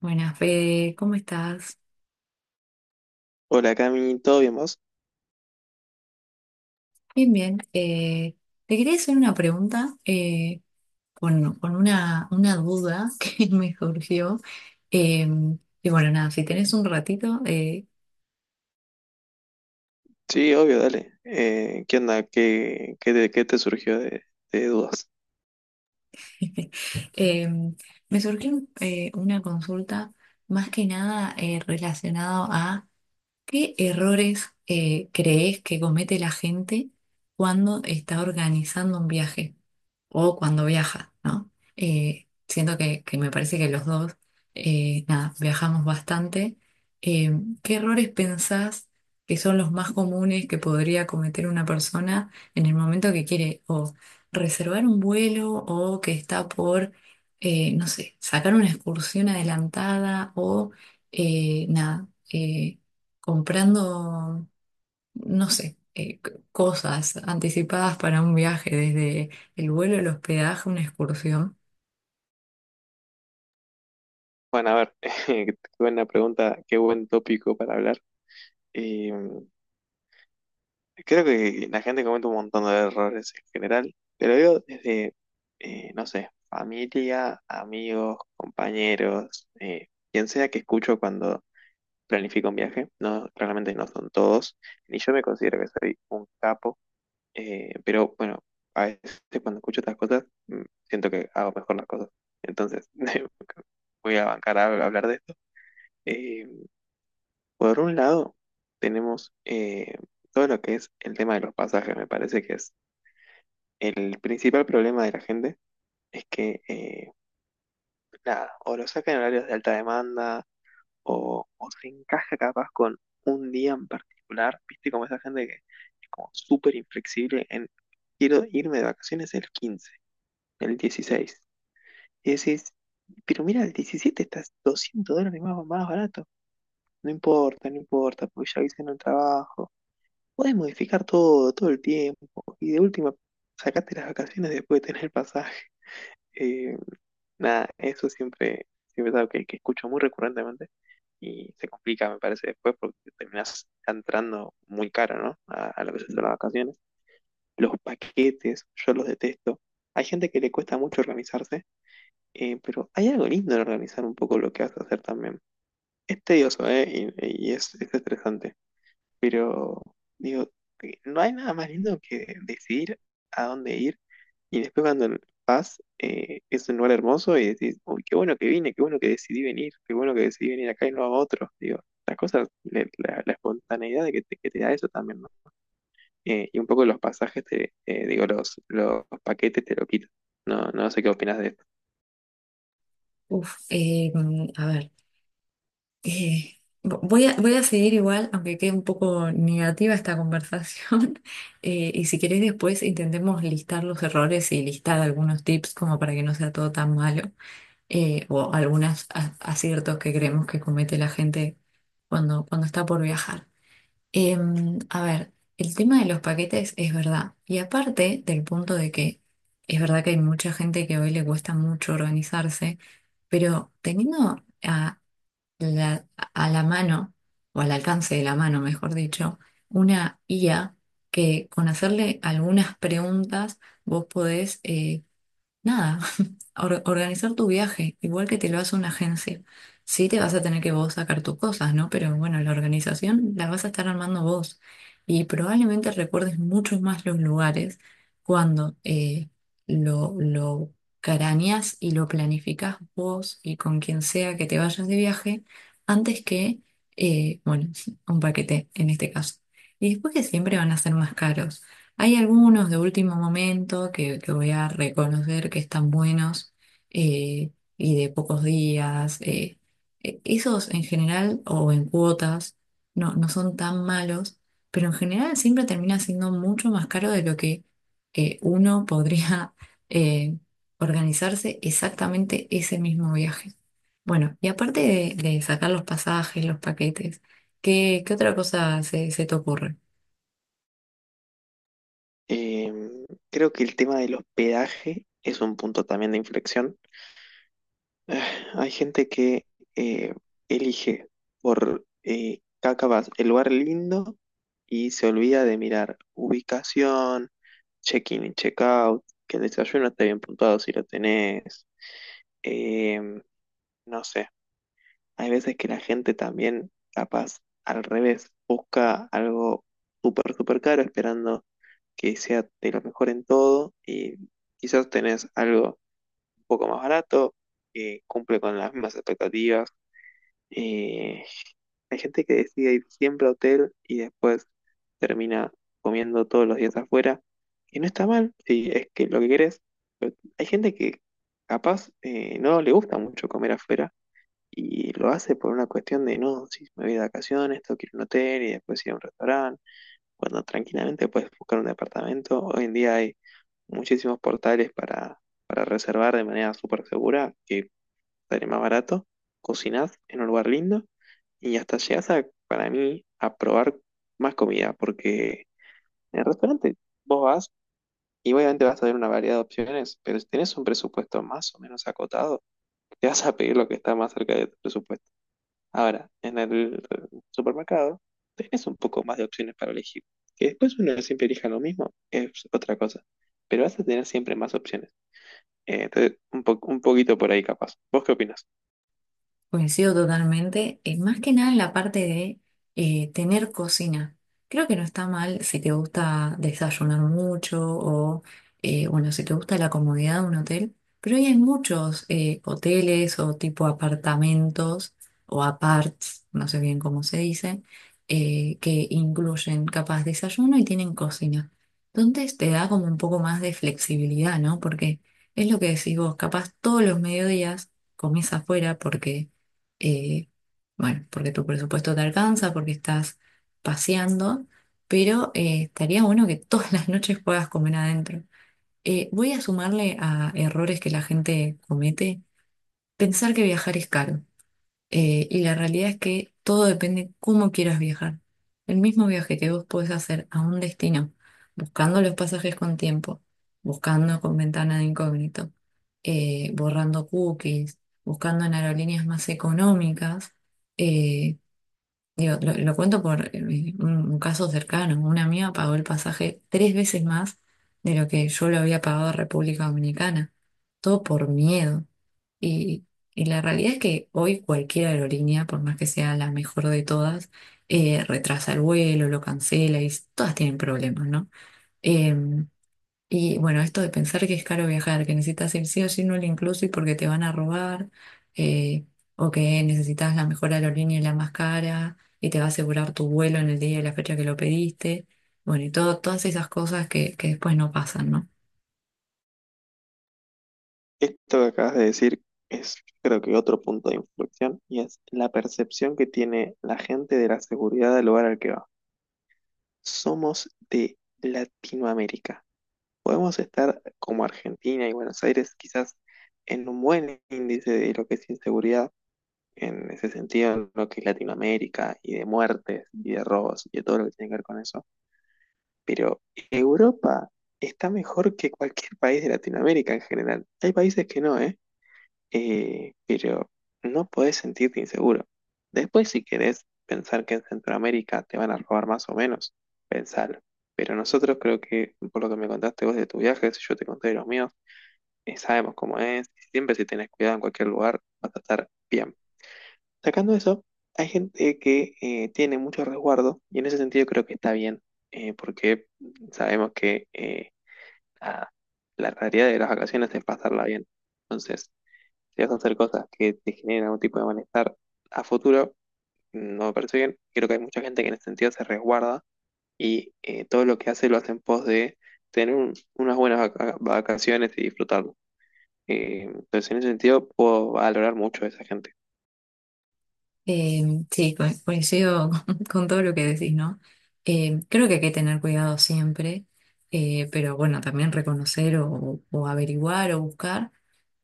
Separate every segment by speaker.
Speaker 1: Buenas, Fede, ¿cómo estás?
Speaker 2: Hola Cami, ¿todo bien vos?
Speaker 1: Bien, bien. Te quería hacer una pregunta con una duda que me surgió. Eh, y bueno, nada, si tenés un ratito,
Speaker 2: Sí, obvio, dale. ¿Qué onda? ¿Qué te surgió de dudas?
Speaker 1: eh, me surgió una consulta más que nada relacionado a qué errores crees que comete la gente cuando está organizando un viaje, o cuando viaja, ¿no? Siento que me parece que los dos, nada, viajamos bastante. Eh, ¿Qué errores pensás que son los más comunes que podría cometer una persona en el momento que quiere o reservar un vuelo o que está por, no sé, sacar una excursión adelantada o, nada, comprando no sé, cosas anticipadas para un viaje, desde el vuelo, el hospedaje, una excursión.
Speaker 2: Bueno, a ver, qué buena pregunta, qué buen tópico para hablar. Y creo que la gente comete un montón de errores en general, pero yo desde, no sé, familia, amigos, compañeros, quien sea que escucho cuando planifico un viaje, no, claramente no son todos, ni yo me considero que soy un capo. Pero bueno, a veces cuando escucho estas cosas, siento que hago mejor las cosas. Entonces, voy a bancar a hablar de esto. Eh, por un lado, tenemos todo lo que es el tema de los pasajes. Me parece que es el principal problema de la gente, es que, nada, o lo sacan en horarios de alta demanda, o se encaja capaz con un día en particular. Viste como esa gente que es como súper inflexible en, quiero irme de vacaciones el 15, el 16. Y decís, pero mira, el 17 está 200 dólares más, más barato. No importa, no importa, porque ya hice en el trabajo. Podés modificar todo, todo el tiempo. Y de última, sacaste las vacaciones después de tener el pasaje. Eh, Nada, eso siempre, siempre es algo que escucho muy recurrentemente. Y se complica, me parece, después porque terminás entrando muy caro, ¿no? A lo que son las vacaciones. Los paquetes, yo los detesto. Hay gente que le cuesta mucho organizarse. Pero hay algo lindo en organizar un poco lo que vas a hacer también. Es tedioso, ¿eh? Y es estresante. Pero, digo, no hay nada más lindo que decidir a dónde ir y después cuando vas, es un lugar hermoso y decís, uy, qué bueno que vine, qué bueno que decidí venir, qué bueno que decidí venir acá y no a otro. Digo, las cosas, la espontaneidad de que te da eso también, ¿no? Y un poco los pasajes, digo, los paquetes te lo quitan. No, no sé qué opinas de eso.
Speaker 1: Uf, a ver, voy a seguir igual, aunque quede un poco negativa esta conversación, y si queréis después intentemos listar los errores y listar algunos tips como para que no sea todo tan malo, o algunos aciertos que creemos que comete la gente cuando, cuando está por viajar. A ver, el tema de los paquetes es verdad. Y aparte del punto de que es verdad que hay mucha gente que hoy le cuesta mucho organizarse, pero teniendo la, a la mano, o al alcance de la mano, mejor dicho, una IA que con hacerle algunas preguntas vos podés, nada, organizar tu viaje, igual que te lo hace una agencia. Sí te vas a tener que vos sacar tus cosas, ¿no? Pero bueno, la organización la vas a estar armando vos. Y probablemente recuerdes mucho más los lugares cuando lo craneás y lo planificás vos y con quien sea que te vayas de viaje, antes que, bueno, un paquete en este caso. Y después que siempre van a ser más caros. Hay algunos de último momento que voy a reconocer que están buenos eh, y de pocos días. Esos en general o en cuotas no son tan malos, pero en general siempre termina siendo mucho más caro de lo que uno podría eh, organizarse exactamente ese mismo viaje. Bueno, y aparte de sacar los pasajes, los paquetes, ¿qué, qué otra cosa se, se te ocurre?
Speaker 2: Eh, Creo que el tema del hospedaje es un punto también de inflexión. Eh, Hay gente que eh, elige por Kakavas el lugar lindo y se olvida de mirar ubicación, check-in y check-out, que el desayuno esté bien puntuado si lo tenés. eh, no sé, hay veces que la gente también, capaz, al revés, busca algo súper, súper caro esperando que sea de lo mejor en todo y quizás tenés algo un poco más barato que cumple con las mismas expectativas. Eh, Hay gente que decide ir siempre a hotel y después termina comiendo todos los días afuera, y no está mal, si es que lo que querés. Pero hay gente que capaz no le gusta mucho comer afuera y lo hace por una cuestión de, no, si me voy de vacaciones, tengo que ir a un hotel y después ir a un restaurante, cuando tranquilamente puedes buscar un departamento. Hoy en día hay muchísimos portales para reservar de manera súper segura, que sale más barato, cocinás en un lugar lindo y hasta llegas a, para mí, a probar más comida, porque en el restaurante vos vas y obviamente vas a ver una variedad de opciones, pero si tenés un presupuesto más o menos acotado, te vas a pedir lo que está más cerca de tu presupuesto. Ahora, en el supermercado tenés un poco más de opciones para elegir. Que después uno siempre elija lo mismo es otra cosa. Pero vas a tener siempre más opciones. Entonces, un poquito por ahí capaz. ¿Vos qué opinas?
Speaker 1: Coincido totalmente, más que nada en la parte de tener cocina. Creo que no está mal si te gusta desayunar mucho o, bueno, si te gusta la comodidad de un hotel, pero hoy hay muchos hoteles o tipo apartamentos o aparts, no sé bien cómo se dice, que incluyen capaz desayuno y tienen cocina. Entonces te da como un poco más de flexibilidad, ¿no? Porque es lo que decís vos, capaz todos los mediodías comés afuera porque eh, bueno, porque tu presupuesto te alcanza, porque estás paseando, pero estaría bueno que todas las noches puedas comer adentro. Voy a sumarle a errores que la gente comete, pensar que viajar es caro. Y la realidad es que todo depende cómo quieras viajar. El mismo viaje que vos podés hacer a un destino, buscando los pasajes con tiempo, buscando con ventana de incógnito, borrando cookies, buscando en aerolíneas más económicas, eh, digo, lo cuento por un caso cercano. Una amiga pagó el pasaje tres veces más de lo que yo lo había pagado a República Dominicana. Todo por miedo. Y, y la realidad es que hoy cualquier aerolínea, por más que sea la mejor de todas, retrasa el vuelo, lo cancela y todas tienen problemas, ¿no? Em, y bueno, esto de pensar que es caro viajar, que necesitas ir sí o sí no lo inclusive porque te van a robar, eh, o que necesitas la mejor aerolínea y la más cara, y te va a asegurar tu vuelo en el día y la fecha que lo pediste. Bueno, y todo, todas esas cosas que después no pasan, ¿no?
Speaker 2: Esto que acabas de decir es, creo que, otro punto de inflexión y es la percepción que tiene la gente de la seguridad del lugar al que va. Somos de Latinoamérica. Podemos estar como Argentina y Buenos Aires quizás en un buen índice de lo que es inseguridad, en ese sentido, en lo que es Latinoamérica, y de muertes, y de robos, y de todo lo que tiene que ver con eso. Pero Europa está mejor que cualquier país de Latinoamérica en general. Hay países que no, ¿eh? Pero no podés sentirte inseguro. Después, si querés pensar que en Centroamérica te van a robar más o menos, pensalo. Pero nosotros creo que, por lo que me contaste vos de tu viaje, si yo te conté de los míos, sabemos cómo es. Siempre si tenés cuidado en cualquier lugar, vas a estar bien. Sacando eso, hay gente que tiene mucho resguardo y en ese sentido creo que está bien, porque sabemos que nada, la realidad de las vacaciones es pasarla bien. Entonces, si vas a hacer cosas que te generen algún tipo de malestar a futuro, no me parece bien. Creo que hay mucha gente que en ese sentido se resguarda y todo lo que hace lo hace en pos de tener unas buenas vacaciones y disfrutarlo. Entonces, en ese sentido, puedo valorar mucho a esa gente.
Speaker 1: Eh, sí, coincido con todo lo que decís, ¿no? Creo que hay que tener cuidado siempre, pero bueno, también reconocer o averiguar o buscar.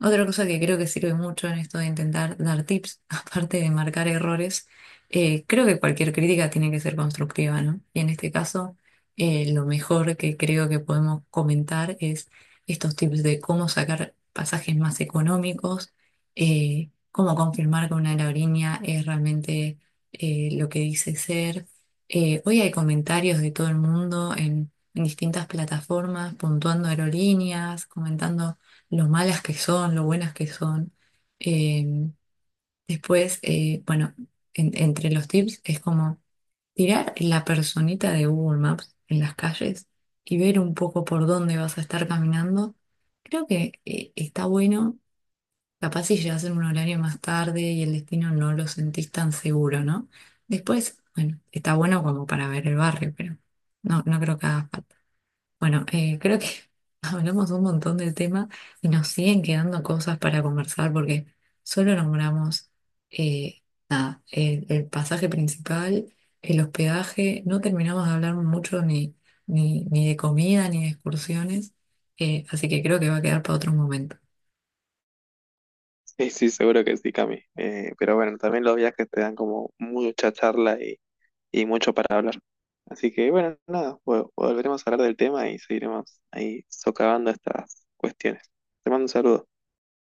Speaker 1: Otra cosa que creo que sirve mucho en esto de intentar dar tips, aparte de marcar errores, creo que cualquier crítica tiene que ser constructiva, ¿no? Y en este caso, lo mejor que creo que podemos comentar es estos tips de cómo sacar pasajes más económicos, eh, cómo confirmar que una aerolínea es realmente lo que dice ser. Hoy hay comentarios de todo el mundo en distintas plataformas, puntuando aerolíneas, comentando lo malas que son, lo buenas que son. Eh, después, bueno, entre los tips es como tirar la personita de Google Maps en las calles y ver un poco por dónde vas a estar caminando. Creo que está bueno. Capaz si llegas en un horario más tarde y el destino no lo sentís tan seguro, ¿no? Después, bueno, está bueno como para ver el barrio, pero no, no creo que haga falta. Bueno, creo que hablamos un montón del tema y nos siguen quedando cosas para conversar porque solo nombramos eh, el pasaje principal, el hospedaje, no terminamos de hablar mucho ni, ni de comida ni de excursiones, así que creo que va a quedar para otro momento.
Speaker 2: Sí, sí, seguro que sí, Cami. Pero bueno, también los viajes te dan como mucha charla y mucho para hablar. Así que bueno, nada, volveremos a hablar del tema y seguiremos ahí socavando estas cuestiones. Te mando un saludo.